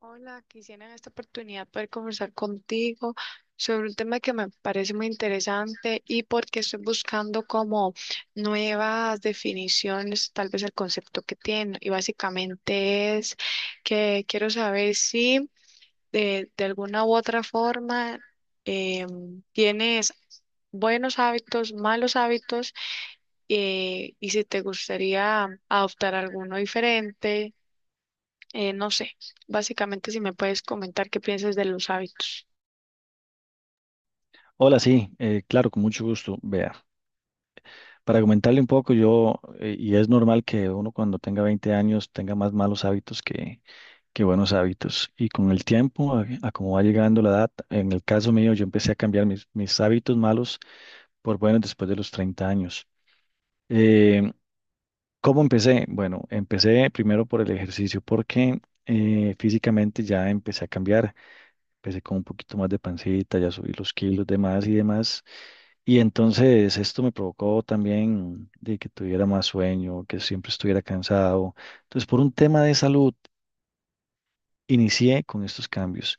Hola, quisiera en esta oportunidad poder conversar contigo sobre un tema que me parece muy interesante y porque estoy buscando como nuevas definiciones, tal vez el concepto que tiene. Y básicamente es que quiero saber si de alguna u otra forma tienes buenos hábitos, malos hábitos, y si te gustaría adoptar alguno diferente. No sé, básicamente si me puedes comentar qué piensas de los hábitos. Hola, sí, claro, con mucho gusto. Vea, para comentarle un poco, y es normal que uno cuando tenga 20 años tenga más malos hábitos que buenos hábitos. Y con el tiempo, a como va llegando la edad, en el caso mío, yo empecé a cambiar mis hábitos malos por buenos después de los 30 años. Eh, ¿cómo empecé? Bueno, empecé primero por el ejercicio porque físicamente ya empecé a cambiar. Empecé con un poquito más de pancita, ya subí los kilos, demás y demás. Y entonces esto me provocó también de que tuviera más sueño, que siempre estuviera cansado. Entonces, por un tema de salud, inicié con estos cambios.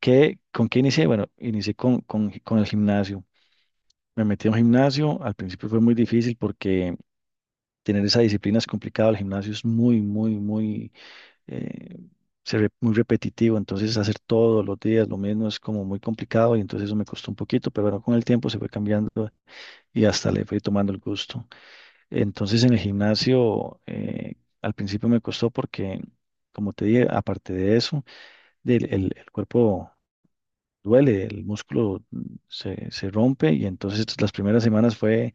¿Qué, con qué inicié? Bueno, inicié con el gimnasio. Me metí a un gimnasio. Al principio fue muy difícil porque tener esa disciplina es complicado. El gimnasio es muy, muy, muy eh, muy repetitivo, entonces hacer todos los días lo mismo es como muy complicado y entonces eso me costó un poquito, pero bueno, con el tiempo se fue cambiando y hasta le fui tomando el gusto. Entonces en el gimnasio al principio me costó porque, como te dije, aparte de eso, el cuerpo duele, el músculo se rompe y entonces las primeras semanas fue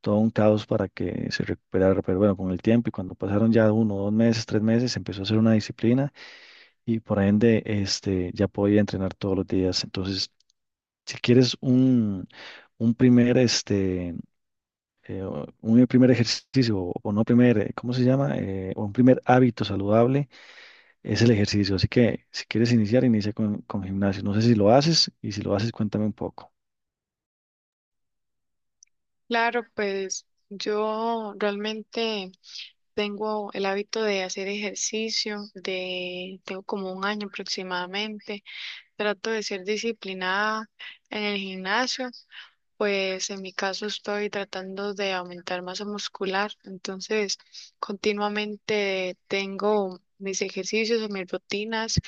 todo un caos para que se recuperara, pero bueno, con el tiempo y cuando pasaron ya uno, dos meses, tres meses, empezó a ser una disciplina y por ende ya podía entrenar todos los días. Entonces, si quieres un un primer ejercicio o no primer, ¿cómo se llama? O un primer hábito saludable es el ejercicio. Así que si quieres iniciar, inicia con gimnasio. No sé si lo haces y si lo haces, cuéntame un poco. Claro, pues yo realmente tengo el hábito de hacer ejercicio, de tengo como un año aproximadamente. Trato de ser disciplinada en el gimnasio. Pues en mi caso estoy tratando de aumentar masa muscular, entonces continuamente tengo mis ejercicios o mis rutinas,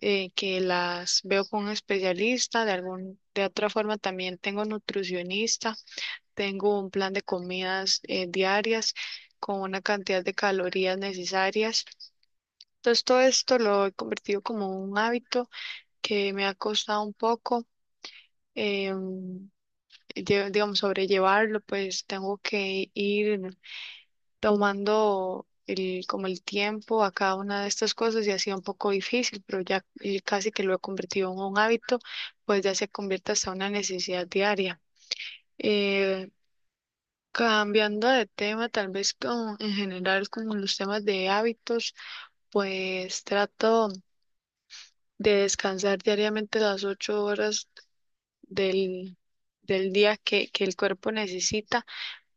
que las veo con un especialista, de algún, de otra forma también tengo nutricionista, tengo un plan de comidas diarias con una cantidad de calorías necesarias. Entonces todo esto lo he convertido como un hábito que me ha costado un poco. em, digamos, sobrellevarlo, pues tengo que ir tomando el, como el tiempo a cada una de estas cosas y ha sido un poco difícil, pero ya, casi que lo he convertido en un hábito, pues ya se convierte hasta una necesidad diaria. Eh, Cambiando de tema, tal vez con, en general con los temas de hábitos, pues trato de descansar diariamente las ocho horas del, del día que el cuerpo necesita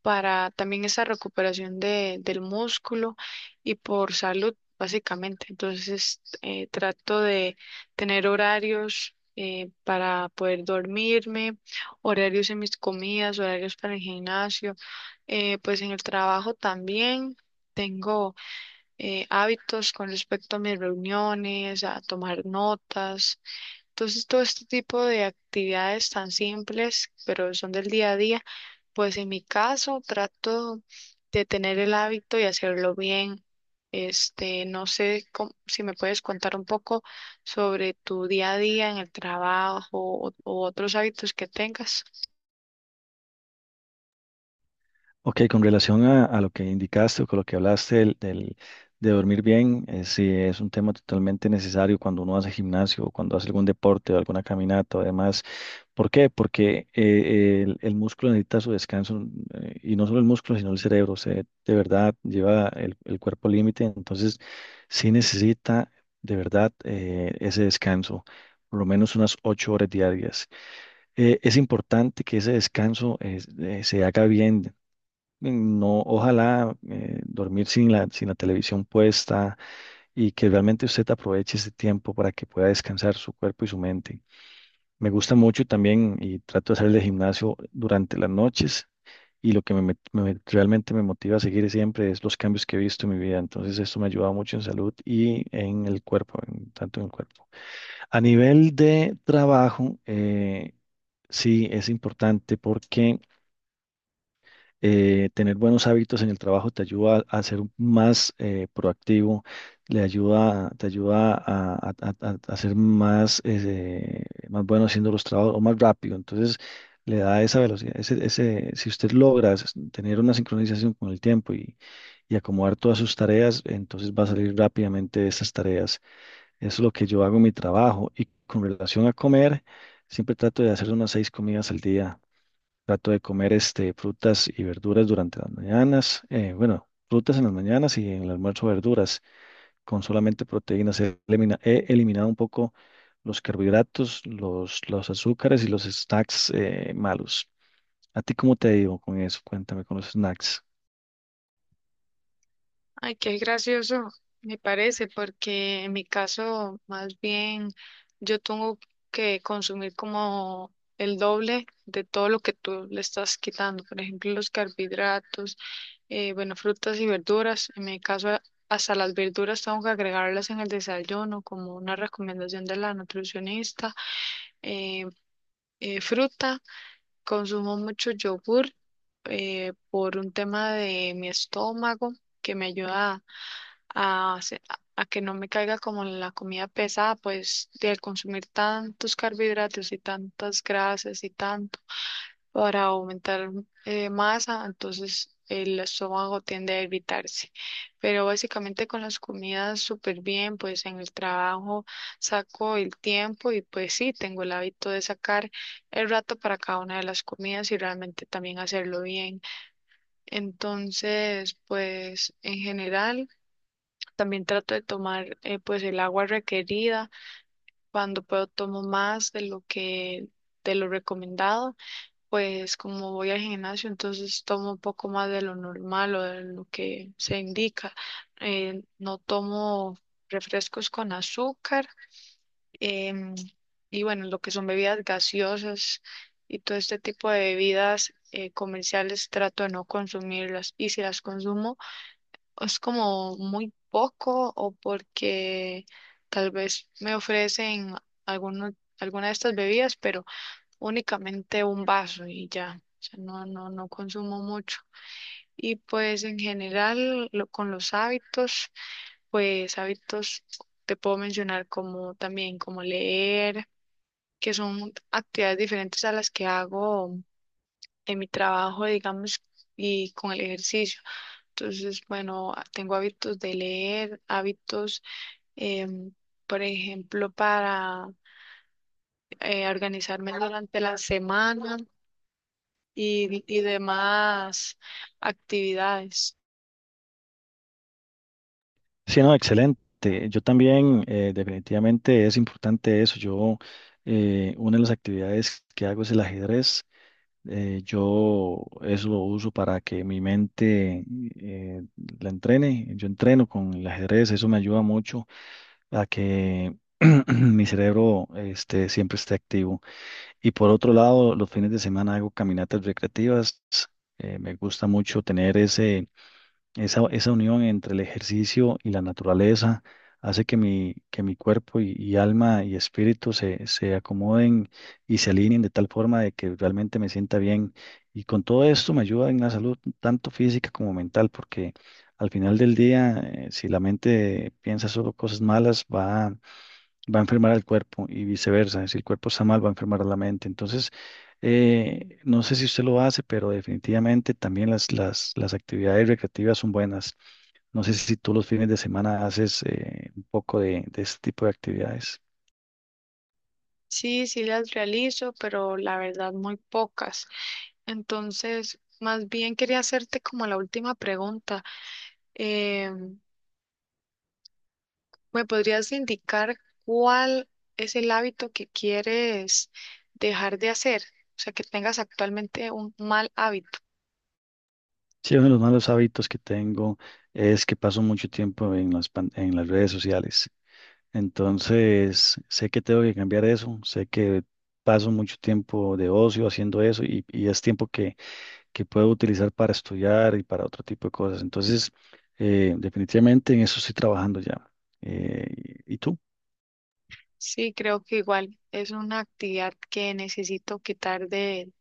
para también esa recuperación del músculo y por salud, básicamente. Entonces, trato de tener horarios, para poder dormirme, horarios en mis comidas, horarios para el gimnasio, pues en el trabajo también. Tengo, hábitos con respecto a mis reuniones, a tomar notas. Entonces, todo este tipo de actividades tan simples, pero son del día a día, pues en mi caso trato de tener el hábito y hacerlo bien. Este, no sé cómo- si me puedes contar un poco sobre tu día a día en el trabajo o otros hábitos que tengas. Ok, con relación a lo que indicaste o con lo que hablaste de dormir bien, sí, es un tema totalmente necesario cuando uno hace gimnasio o cuando hace algún deporte o alguna caminata o demás. ¿Por qué? Porque el músculo necesita su descanso y no solo el músculo, sino el cerebro. De verdad lleva el cuerpo al límite, entonces sí necesita de verdad ese descanso, por lo menos unas 8 horas diarias. Es importante que ese descanso se haga bien. No, ojalá dormir sin la televisión puesta y que realmente usted aproveche ese tiempo para que pueda descansar su cuerpo y su mente. Me gusta mucho también y trato de hacer el gimnasio durante las noches y lo que realmente me motiva a seguir siempre es los cambios que he visto en mi vida. Entonces esto me ha ayudado mucho en salud y en el cuerpo, tanto en el cuerpo. A nivel de trabajo, sí es importante porque tener buenos hábitos en el trabajo te ayuda a ser más proactivo, le ayuda, te ayuda a ser más, más bueno haciendo los trabajos o más rápido. Entonces, le da esa velocidad. Si usted logra tener una sincronización con el tiempo y acomodar todas sus tareas, entonces va a salir rápidamente de esas tareas. Eso es lo que yo hago en mi trabajo. Y con relación a comer, siempre trato de hacer unas 6 comidas al día. Trato de comer frutas y verduras durante las mañanas. Bueno, frutas en las mañanas y en el almuerzo verduras. Con solamente proteínas he eliminado un poco los carbohidratos, los azúcares y los snacks malos. ¿A ti cómo te ha ido con eso? Cuéntame con los snacks. Ay, qué gracioso, me parece, porque en mi caso, más bien, yo tengo que consumir como el doble de todo lo que tú le estás quitando. Por ejemplo, los carbohidratos, bueno, frutas y verduras. En mi caso, a- hasta las verduras tengo que agregarlas en el desayuno, como una recomendación de la nutricionista. Eh, Fruta, consumo mucho yogur, por un tema de mi estómago que me ayuda a, se- a que no me caiga como la comida pesada, pues de consumir tantos carbohidratos y tantas grasas y tanto para aumentar masa, entonces el estómago tiende a irritarse. Pero básicamente con las comidas súper bien, pues en el trabajo saco el tiempo y pues sí, tengo el hábito de sacar el rato para cada una de las comidas y realmente también hacerlo bien. Entonces, pues en general, también trato de tomar, pues el agua requerida. Cuando puedo tomo más de lo que de lo recomendado, pues como voy al gimnasio, entonces tomo un poco más de lo normal o de lo que se indica. No tomo refrescos con azúcar em, y bueno, lo que son bebidas gaseosas y todo este tipo de bebidas, comerciales, trato de no consumirlas y si las consumo es como muy poco o porque tal vez me ofrecen alguno, alguna de estas bebidas, pero únicamente un vaso y ya. O sea, no, no, no consumo mucho. Y pues en general lo- con los hábitos, pues hábitos te puedo mencionar como también como leer, que son actividades diferentes a las que hago en mi trabajo, digamos, y con el ejercicio. Entonces, bueno, a- tengo hábitos de leer, hábitos, em, por ejemplo, para organizarme durante la semana y demás actividades. Sí, no, excelente. Yo también, definitivamente es importante eso. Una de las actividades que hago es el ajedrez. Yo eso lo uso para que mi mente eh, la entrene. Yo entreno con el ajedrez, eso me ayuda mucho a que mi cerebro siempre esté activo. Y por otro lado, los fines de semana hago caminatas recreativas. Me gusta mucho tener esa unión entre el ejercicio y la naturaleza. Hace que mi cuerpo y alma y espíritu se, se acomoden y se alineen de tal forma de que realmente me sienta bien. Y con todo esto me ayuda en la salud, tanto física como mental, porque al final del día, si la mente piensa solo cosas malas, va a enfermar al cuerpo y viceversa. Si el cuerpo está mal, va a enfermar a la mente. Entonces, no sé si usted lo hace, pero definitivamente también las actividades recreativas son buenas. No sé si tú los fines de semana haces un poco de este tipo de actividades. Sí, sí las realizo, pero la verdad muy pocas. Entonces, más bien quería hacerte como la última pregunta. Em, ¿Me podrías indicar cuál es el hábito que quieres dejar de hacer? O sea, que tengas actualmente un mal hábito. Sí, uno de los malos hábitos que tengo es que paso mucho tiempo en en las redes sociales. Entonces, sé que tengo que cambiar eso, sé que paso mucho tiempo de ocio haciendo eso y es tiempo que puedo utilizar para estudiar y para otro tipo de cosas. Entonces, definitivamente en eso estoy trabajando ya. Eh, y tú? Sí, creo que igual es una actividad que necesito quitar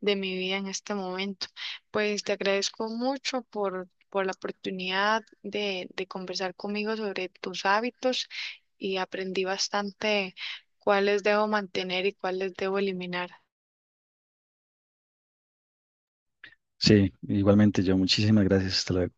de mi vida en este momento. Pues te agradezco mucho por la oportunidad de conversar conmigo sobre tus hábitos y aprendí bastante cuáles debo mantener y cuáles debo eliminar. Sí, igualmente yo. Muchísimas gracias. Hasta luego.